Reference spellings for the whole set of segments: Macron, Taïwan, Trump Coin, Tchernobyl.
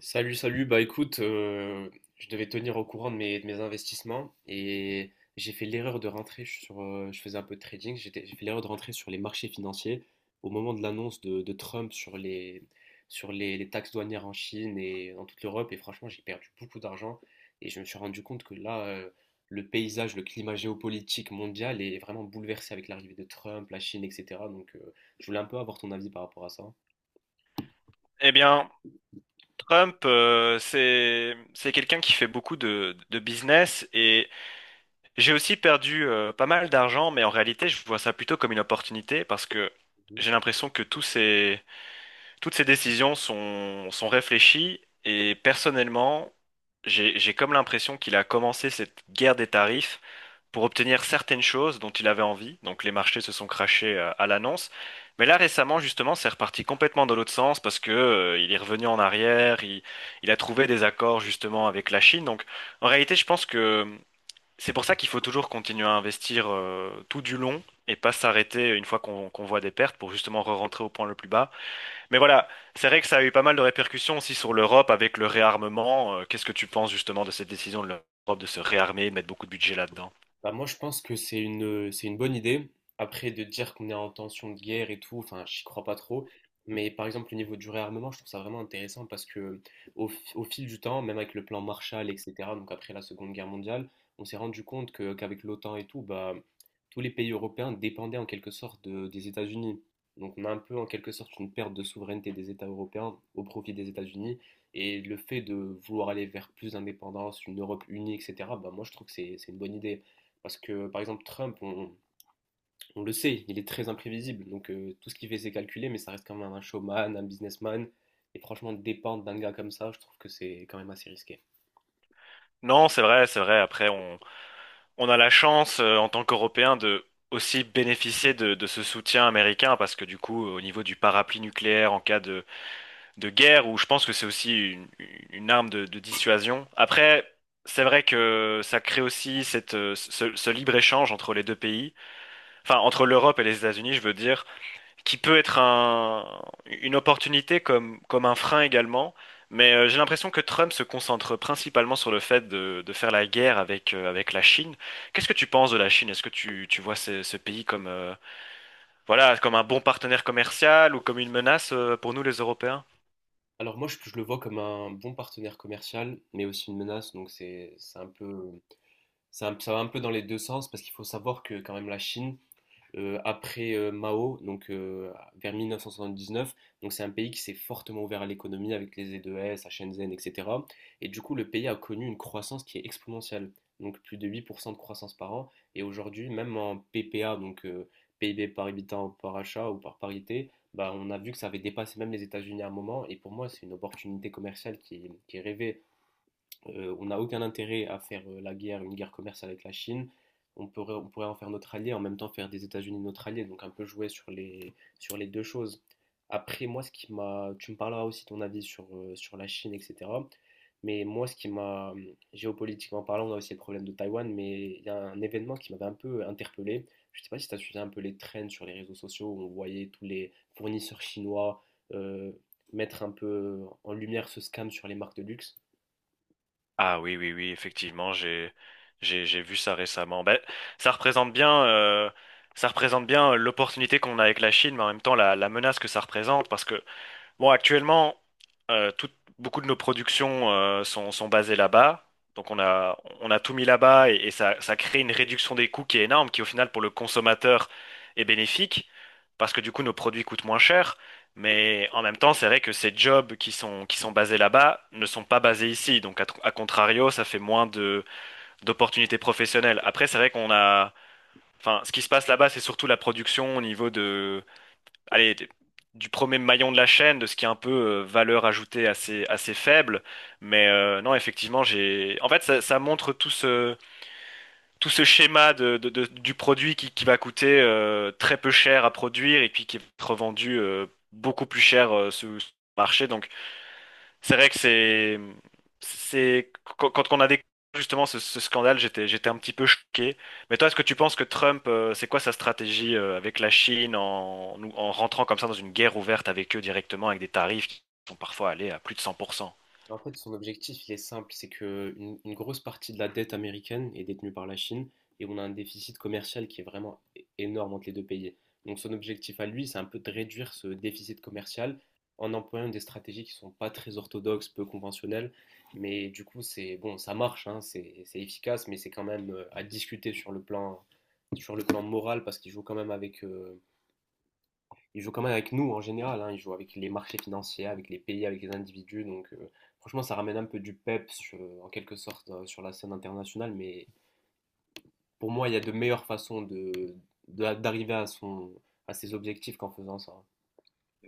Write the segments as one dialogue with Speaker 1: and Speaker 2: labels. Speaker 1: Salut, salut. Bah écoute, je devais tenir au courant de mes investissements et j'ai fait l'erreur de rentrer sur. Je faisais un peu de trading. J'ai fait l'erreur de rentrer sur les marchés financiers au moment de l'annonce de Trump sur les taxes douanières en Chine et dans toute l'Europe. Et franchement, j'ai perdu beaucoup d'argent et je me suis rendu compte que là, le paysage, le climat géopolitique mondial est vraiment bouleversé avec l'arrivée de Trump, la Chine, etc. Donc, je voulais un peu avoir ton avis par rapport à ça.
Speaker 2: Eh bien, Trump, c'est quelqu'un qui fait beaucoup de business et j'ai aussi perdu pas mal d'argent, mais en réalité, je vois ça plutôt comme une opportunité parce que j'ai l'impression que tous ces toutes ces décisions sont réfléchies et personnellement, j'ai comme l'impression qu'il a commencé cette guerre des tarifs pour obtenir certaines choses dont il avait envie. Donc les marchés se sont crashés à l'annonce. Mais là récemment, justement, c'est reparti complètement dans l'autre sens parce que il est revenu en arrière, il a trouvé des accords justement avec la Chine. Donc en réalité, je pense que c'est pour ça qu'il faut toujours continuer à investir tout du long et pas s'arrêter une fois qu'on voit des pertes pour justement re-rentrer au point le plus bas. Mais voilà, c'est vrai que ça a eu pas mal de répercussions aussi sur l'Europe avec le réarmement. Qu'est-ce que tu penses justement de cette décision de l'Europe de se réarmer, mettre beaucoup de budget là-dedans?
Speaker 1: Bah moi je pense que c'est c'est une bonne idée. Après de dire qu'on est en tension de guerre et tout, enfin j'y crois pas trop. Mais par exemple le niveau du réarmement, je trouve ça vraiment intéressant parce que au fil du temps, même avec le plan Marshall, etc., donc après la Seconde Guerre mondiale, on s'est rendu compte qu'avec l'OTAN et tout, bah, tous les pays européens dépendaient en quelque sorte des États-Unis. Donc on a un peu en quelque sorte une perte de souveraineté des États européens au profit des États-Unis. Et le fait de vouloir aller vers plus d'indépendance, une Europe unie, etc., bah, moi je trouve que c'est une bonne idée. Parce que, par exemple, Trump, on le sait, il est très imprévisible. Donc, tout ce qu'il fait, c'est calculé, mais ça reste quand même un showman, un businessman. Et franchement, dépendre d'un gars comme ça, je trouve que c'est quand même assez risqué.
Speaker 2: Non, c'est vrai, c'est vrai. Après, on a la chance en tant qu'Européens de aussi bénéficier de ce soutien américain parce que du coup, au niveau du parapluie nucléaire en cas de guerre, où je pense que c'est aussi une arme de dissuasion. Après, c'est vrai que ça crée aussi cette, ce, ce libre-échange entre les deux pays, enfin entre l'Europe et les États-Unis, je veux dire qui peut être un, une opportunité comme, comme un frein également. Mais j'ai l'impression que Trump se concentre principalement sur le fait de faire la guerre avec, avec la Chine. Qu'est-ce que tu penses de la Chine? Est-ce que tu vois ce, ce pays comme, voilà, comme un bon partenaire commercial ou comme une menace pour nous les Européens?
Speaker 1: Alors moi, je le vois comme un bon partenaire commercial, mais aussi une menace. Donc c'est un peu, ça va un peu dans les deux sens parce qu'il faut savoir que quand même la Chine, après Mao, donc vers 1979. Donc c'est un pays qui s'est fortement ouvert à l'économie avec les E2S, à Shenzhen, etc. Et du coup, le pays a connu une croissance qui est exponentielle, donc plus de 8% de croissance par an. Et aujourd'hui, même en PPA, donc PIB par habitant par achat ou par parité, bah, on a vu que ça avait dépassé même les États-Unis à un moment. Et pour moi, c'est une opportunité commerciale qui est rêvée on n'a aucun intérêt à faire la guerre, une guerre commerciale avec la Chine. On pourrait en faire notre allié, en même temps faire des États-Unis notre allié, donc un peu jouer sur les deux choses. Après, moi, tu me parleras aussi ton avis sur, sur la Chine, etc. Mais moi, géopolitiquement parlant, on a aussi le problème de Taïwan, mais il y a un événement qui m'avait un peu interpellé. Je ne sais pas si tu as suivi un peu les trends sur les réseaux sociaux où on voyait tous les fournisseurs chinois euh, mettre un peu en lumière ce scam sur les marques de luxe.
Speaker 2: Ah oui, oui, oui, effectivement, j'ai vu ça récemment. Ben, ça représente bien, euh, ça représente bien l'opportunité qu'on a avec la Chine, mais en même temps la, la menace que ça représente, parce que bon, actuellement, tout- beaucoup de nos productions sont, sont basées là-bas. Donc on a tout mis là-bas et ça crée une réduction des coûts qui est énorme, qui au final pour le consommateur est bénéfique, parce que du coup nos produits coûtent moins cher. Mais en même temps, c'est vrai que ces jobs qui sont basés là-bas ne sont pas basés ici. Donc à, tr- à contrario, ça fait moins de, d'opportunités professionnelles. Après, c'est vrai qu'on a... Enfin, ce qui se passe là-bas, c'est surtout la production au niveau allez, des- du premier maillon de la chaîne, de ce qui est un peu valeur ajoutée assez, assez faible. Mais non, effectivement, j'ai. En fait, ça montre tout ce schéma de- du produit qui va coûter très peu cher à produire et puis qui est revendu beaucoup plus cher sur sur le marché. Donc, c'est vrai que c'est quand on a découvert justement ce, ce scandale, j'étais un petit peu choqué. Mais toi, est-ce que tu penses que Trump, c'est quoi sa stratégie avec la Chine en, nous- en rentrant comme ça dans une guerre ouverte avec eux directement, avec des tarifs qui sont parfois allés à plus de cent pour cent.
Speaker 1: Bah, en fait, son objectif, il est simple, c'est que une grosse partie de la dette américaine est détenue par la Chine et on a un déficit commercial qui est vraiment énorme entre les deux pays. Donc son objectif à lui, c'est un peu de réduire ce déficit commercial en employant des stratégies qui sont pas très orthodoxes, peu conventionnelles, mais du coup, c'est bon, ça marche, hein, c'est efficace, mais c'est quand même à discuter sur le plan moral parce qu'il joue quand même avec il joue quand même avec nous en général, hein, il joue avec les marchés financiers, avec les pays, avec les individus. Donc franchement, ça ramène un peu du peps en quelque sorte sur la scène internationale. Mais pour moi, il y a de meilleures façons d'arriver à ses objectifs qu'en faisant ça.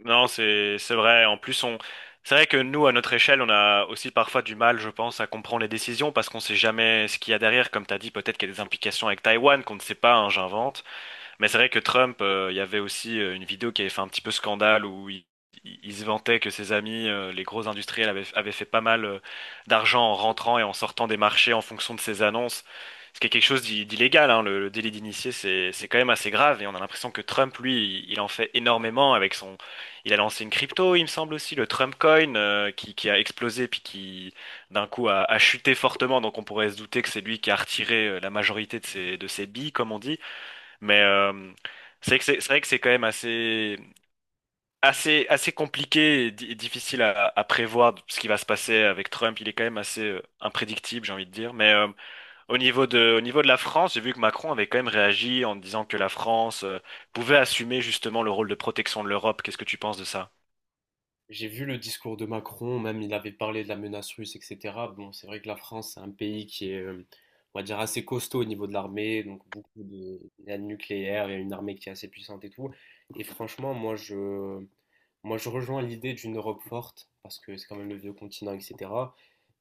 Speaker 2: Non, c'est vrai. En plus, on c'est vrai que nous, à notre échelle, on a aussi parfois du mal, je pense, à comprendre les décisions parce qu'on sait jamais ce qu'il y a derrière. Comme tu as dit, peut-être qu'il y a des implications avec Taïwan qu'on ne sait pas, hein, j'invente. Mais c'est vrai que Trump, il y avait aussi une vidéo qui avait fait un petit peu scandale où il se vantait que ses amis, les gros industriels, avaient, avaient fait pas mal d'argent en rentrant et en sortant des marchés en fonction de ses annonces. Ce qui est quelque chose d'i- d'illégal, hein, le délit d'initié, c'est quand même assez grave et on a l'impression que Trump, lui, il en fait énormément avec son... Il a lancé une crypto, il me semble aussi, le Trump Coin, qui a explosé puis qui, d'un coup, a, a chuté fortement. Donc on pourrait se douter que c'est lui qui a retiré la majorité de ses billes, comme on dit. Mais c'est vrai que c'est vrai que c'est quand même assez, assez, assez compliqué et, di- et difficile à prévoir ce qui va se passer avec Trump. Il est quand même assez imprédictible, j'ai envie de dire. Mais au niveau de la France, j'ai vu que Macron avait quand même réagi en disant que la France pouvait assumer justement le rôle de protection de l'Europe. Qu'est-ce que tu penses de ça?
Speaker 1: J'ai vu le discours de Macron, même il avait parlé de la menace russe, etc. Bon, c'est vrai que la France, c'est un pays qui est, on va dire, assez costaud au niveau de l'armée, donc il y a le nucléaire, il y a une armée qui est assez puissante et tout. Et franchement, moi, je rejoins l'idée d'une Europe forte, parce que c'est quand même le vieux continent, etc.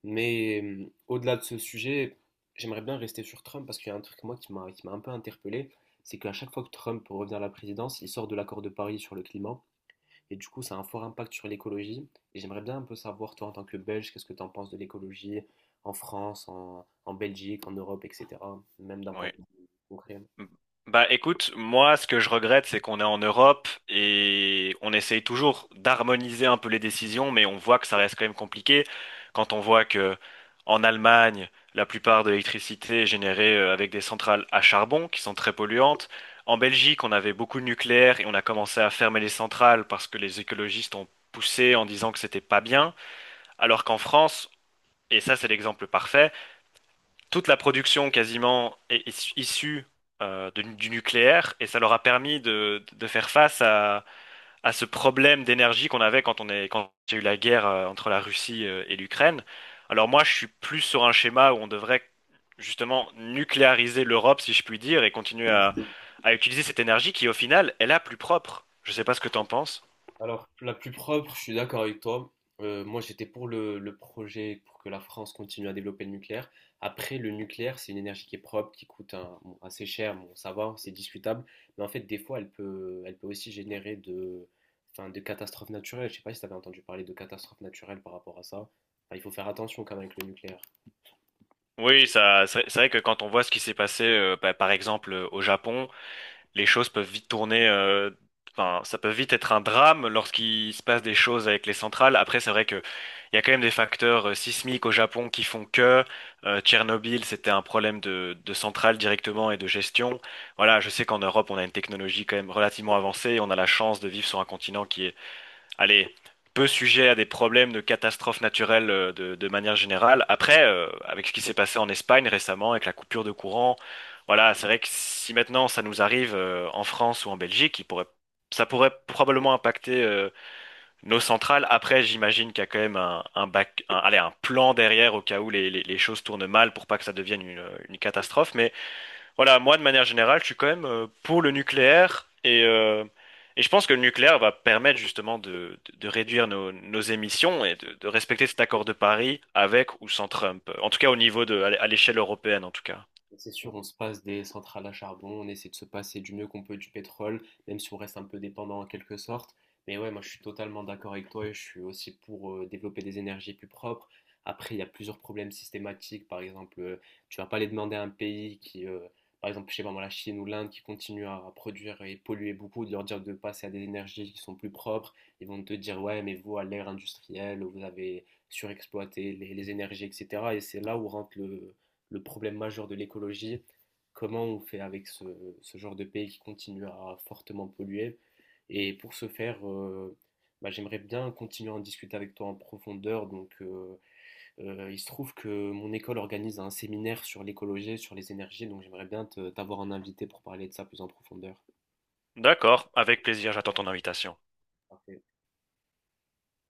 Speaker 1: Mais au-delà de ce sujet, j'aimerais bien rester sur Trump, parce qu'il y a un truc, moi, qui m'a un peu interpellé, c'est qu'à chaque fois que Trump revient à la présidence, il sort de l'accord de Paris sur le climat, et du coup, ça a un fort impact sur l'écologie. Et j'aimerais bien un peu savoir, toi, en tant que Belge, qu'est-ce que tu en penses de l'écologie en France, en Belgique, en Europe, etc., même d'un point
Speaker 2: Oui.
Speaker 1: de vue concret.
Speaker 2: Bah écoute, moi ce que je regrette c'est qu'on est en Europe et on essaye toujours d'harmoniser un peu les décisions, mais on voit que ça reste quand même compliqué quand on voit que en Allemagne la plupart de l'électricité est générée avec des centrales à charbon qui sont très polluantes. En Belgique on avait beaucoup de nucléaire et on a commencé à fermer les centrales parce que les écologistes ont poussé en disant que c'était pas bien, alors qu'en France, et ça c'est l'exemple parfait, toute la production quasiment est, est issue de- du nucléaire et ça leur a permis de faire face à ce problème d'énergie qu'on avait quand on est, quand il y a eu la guerre entre la Russie et l'Ukraine. Alors moi, je suis plus sur un schéma où on devrait justement nucléariser l'Europe, si je puis dire, et continuer à utiliser cette énergie qui, au final, est la plus propre. Je sais pas ce que t'en penses.
Speaker 1: Alors, la plus propre, je suis d'accord avec toi. Moi, j'étais pour le projet pour que la France continue à développer le nucléaire. Après, le nucléaire, c'est une énergie qui est propre, qui coûte bon, assez cher. Bon, ça va, c'est discutable. Mais en fait, des fois, elle peut aussi générer enfin, de catastrophes naturelles. Je sais pas si tu avais entendu parler de catastrophes naturelles par rapport à ça. Enfin, il faut faire attention quand même avec le nucléaire.
Speaker 2: Oui, ça, c'est vrai que quand on voit ce qui s'est passé, bah, par exemple, au Japon, les choses peuvent vite tourner, enfin, ça peut vite être un drame lorsqu'il se passe des choses avec les centrales. Après, c'est vrai que il y a quand même des facteurs sismiques au Japon qui font que Tchernobyl, c'était un problème de centrale directement et de gestion. Voilà, je sais qu'en Europe, on a une technologie quand même relativement avancée. On a la chance de vivre sur un continent qui est allez, peu sujet à des problèmes de catastrophes naturelles de manière générale. Après, avec ce qui s'est passé en Espagne récemment, avec la coupure de courant, voilà, c'est vrai que si maintenant ça nous arrive en France ou en Belgique, il pourrait, ça pourrait probablement impacter nos centrales. Après, j'imagine qu'il y a quand même un, bac- un- allez, un plan derrière au cas où les choses tournent mal pour pas que ça devienne une catastrophe. Mais voilà, moi, de manière générale, je suis quand même pour le nucléaire et je pense que le nucléaire va permettre justement de réduire nos, nos émissions et de respecter cet accord de Paris avec ou sans Trump. En tout cas, au niveau de, à l'échelle européenne, en tout cas.
Speaker 1: C'est sûr, on se passe des centrales à charbon, on essaie de se passer du mieux qu'on peut du pétrole, même si on reste un peu dépendant en quelque sorte. Mais ouais, moi je suis totalement d'accord avec toi et je suis aussi pour développer des énergies plus propres. Après, il y a plusieurs problèmes systématiques. Par exemple, tu vas pas les demander à un pays qui, par exemple, je sais pas moi, la Chine ou l'Inde qui continue à produire et polluer beaucoup, de leur dire de passer à des énergies qui sont plus propres. Ils vont te dire, ouais, mais vous, à l'ère industrielle, vous avez surexploité les énergies, etc. Et c'est là où rentre le problème majeur de l'écologie, comment on fait avec genre de pays qui continue à fortement polluer. Et pour ce faire, bah, j'aimerais bien continuer à en discuter avec toi en profondeur. Donc, il se trouve que mon école organise un séminaire sur l'écologie, sur les énergies, donc j'aimerais bien t'avoir en invité pour parler de ça plus en profondeur.
Speaker 2: D'accord, avec plaisir, j'attends ton invitation.
Speaker 1: Parfait.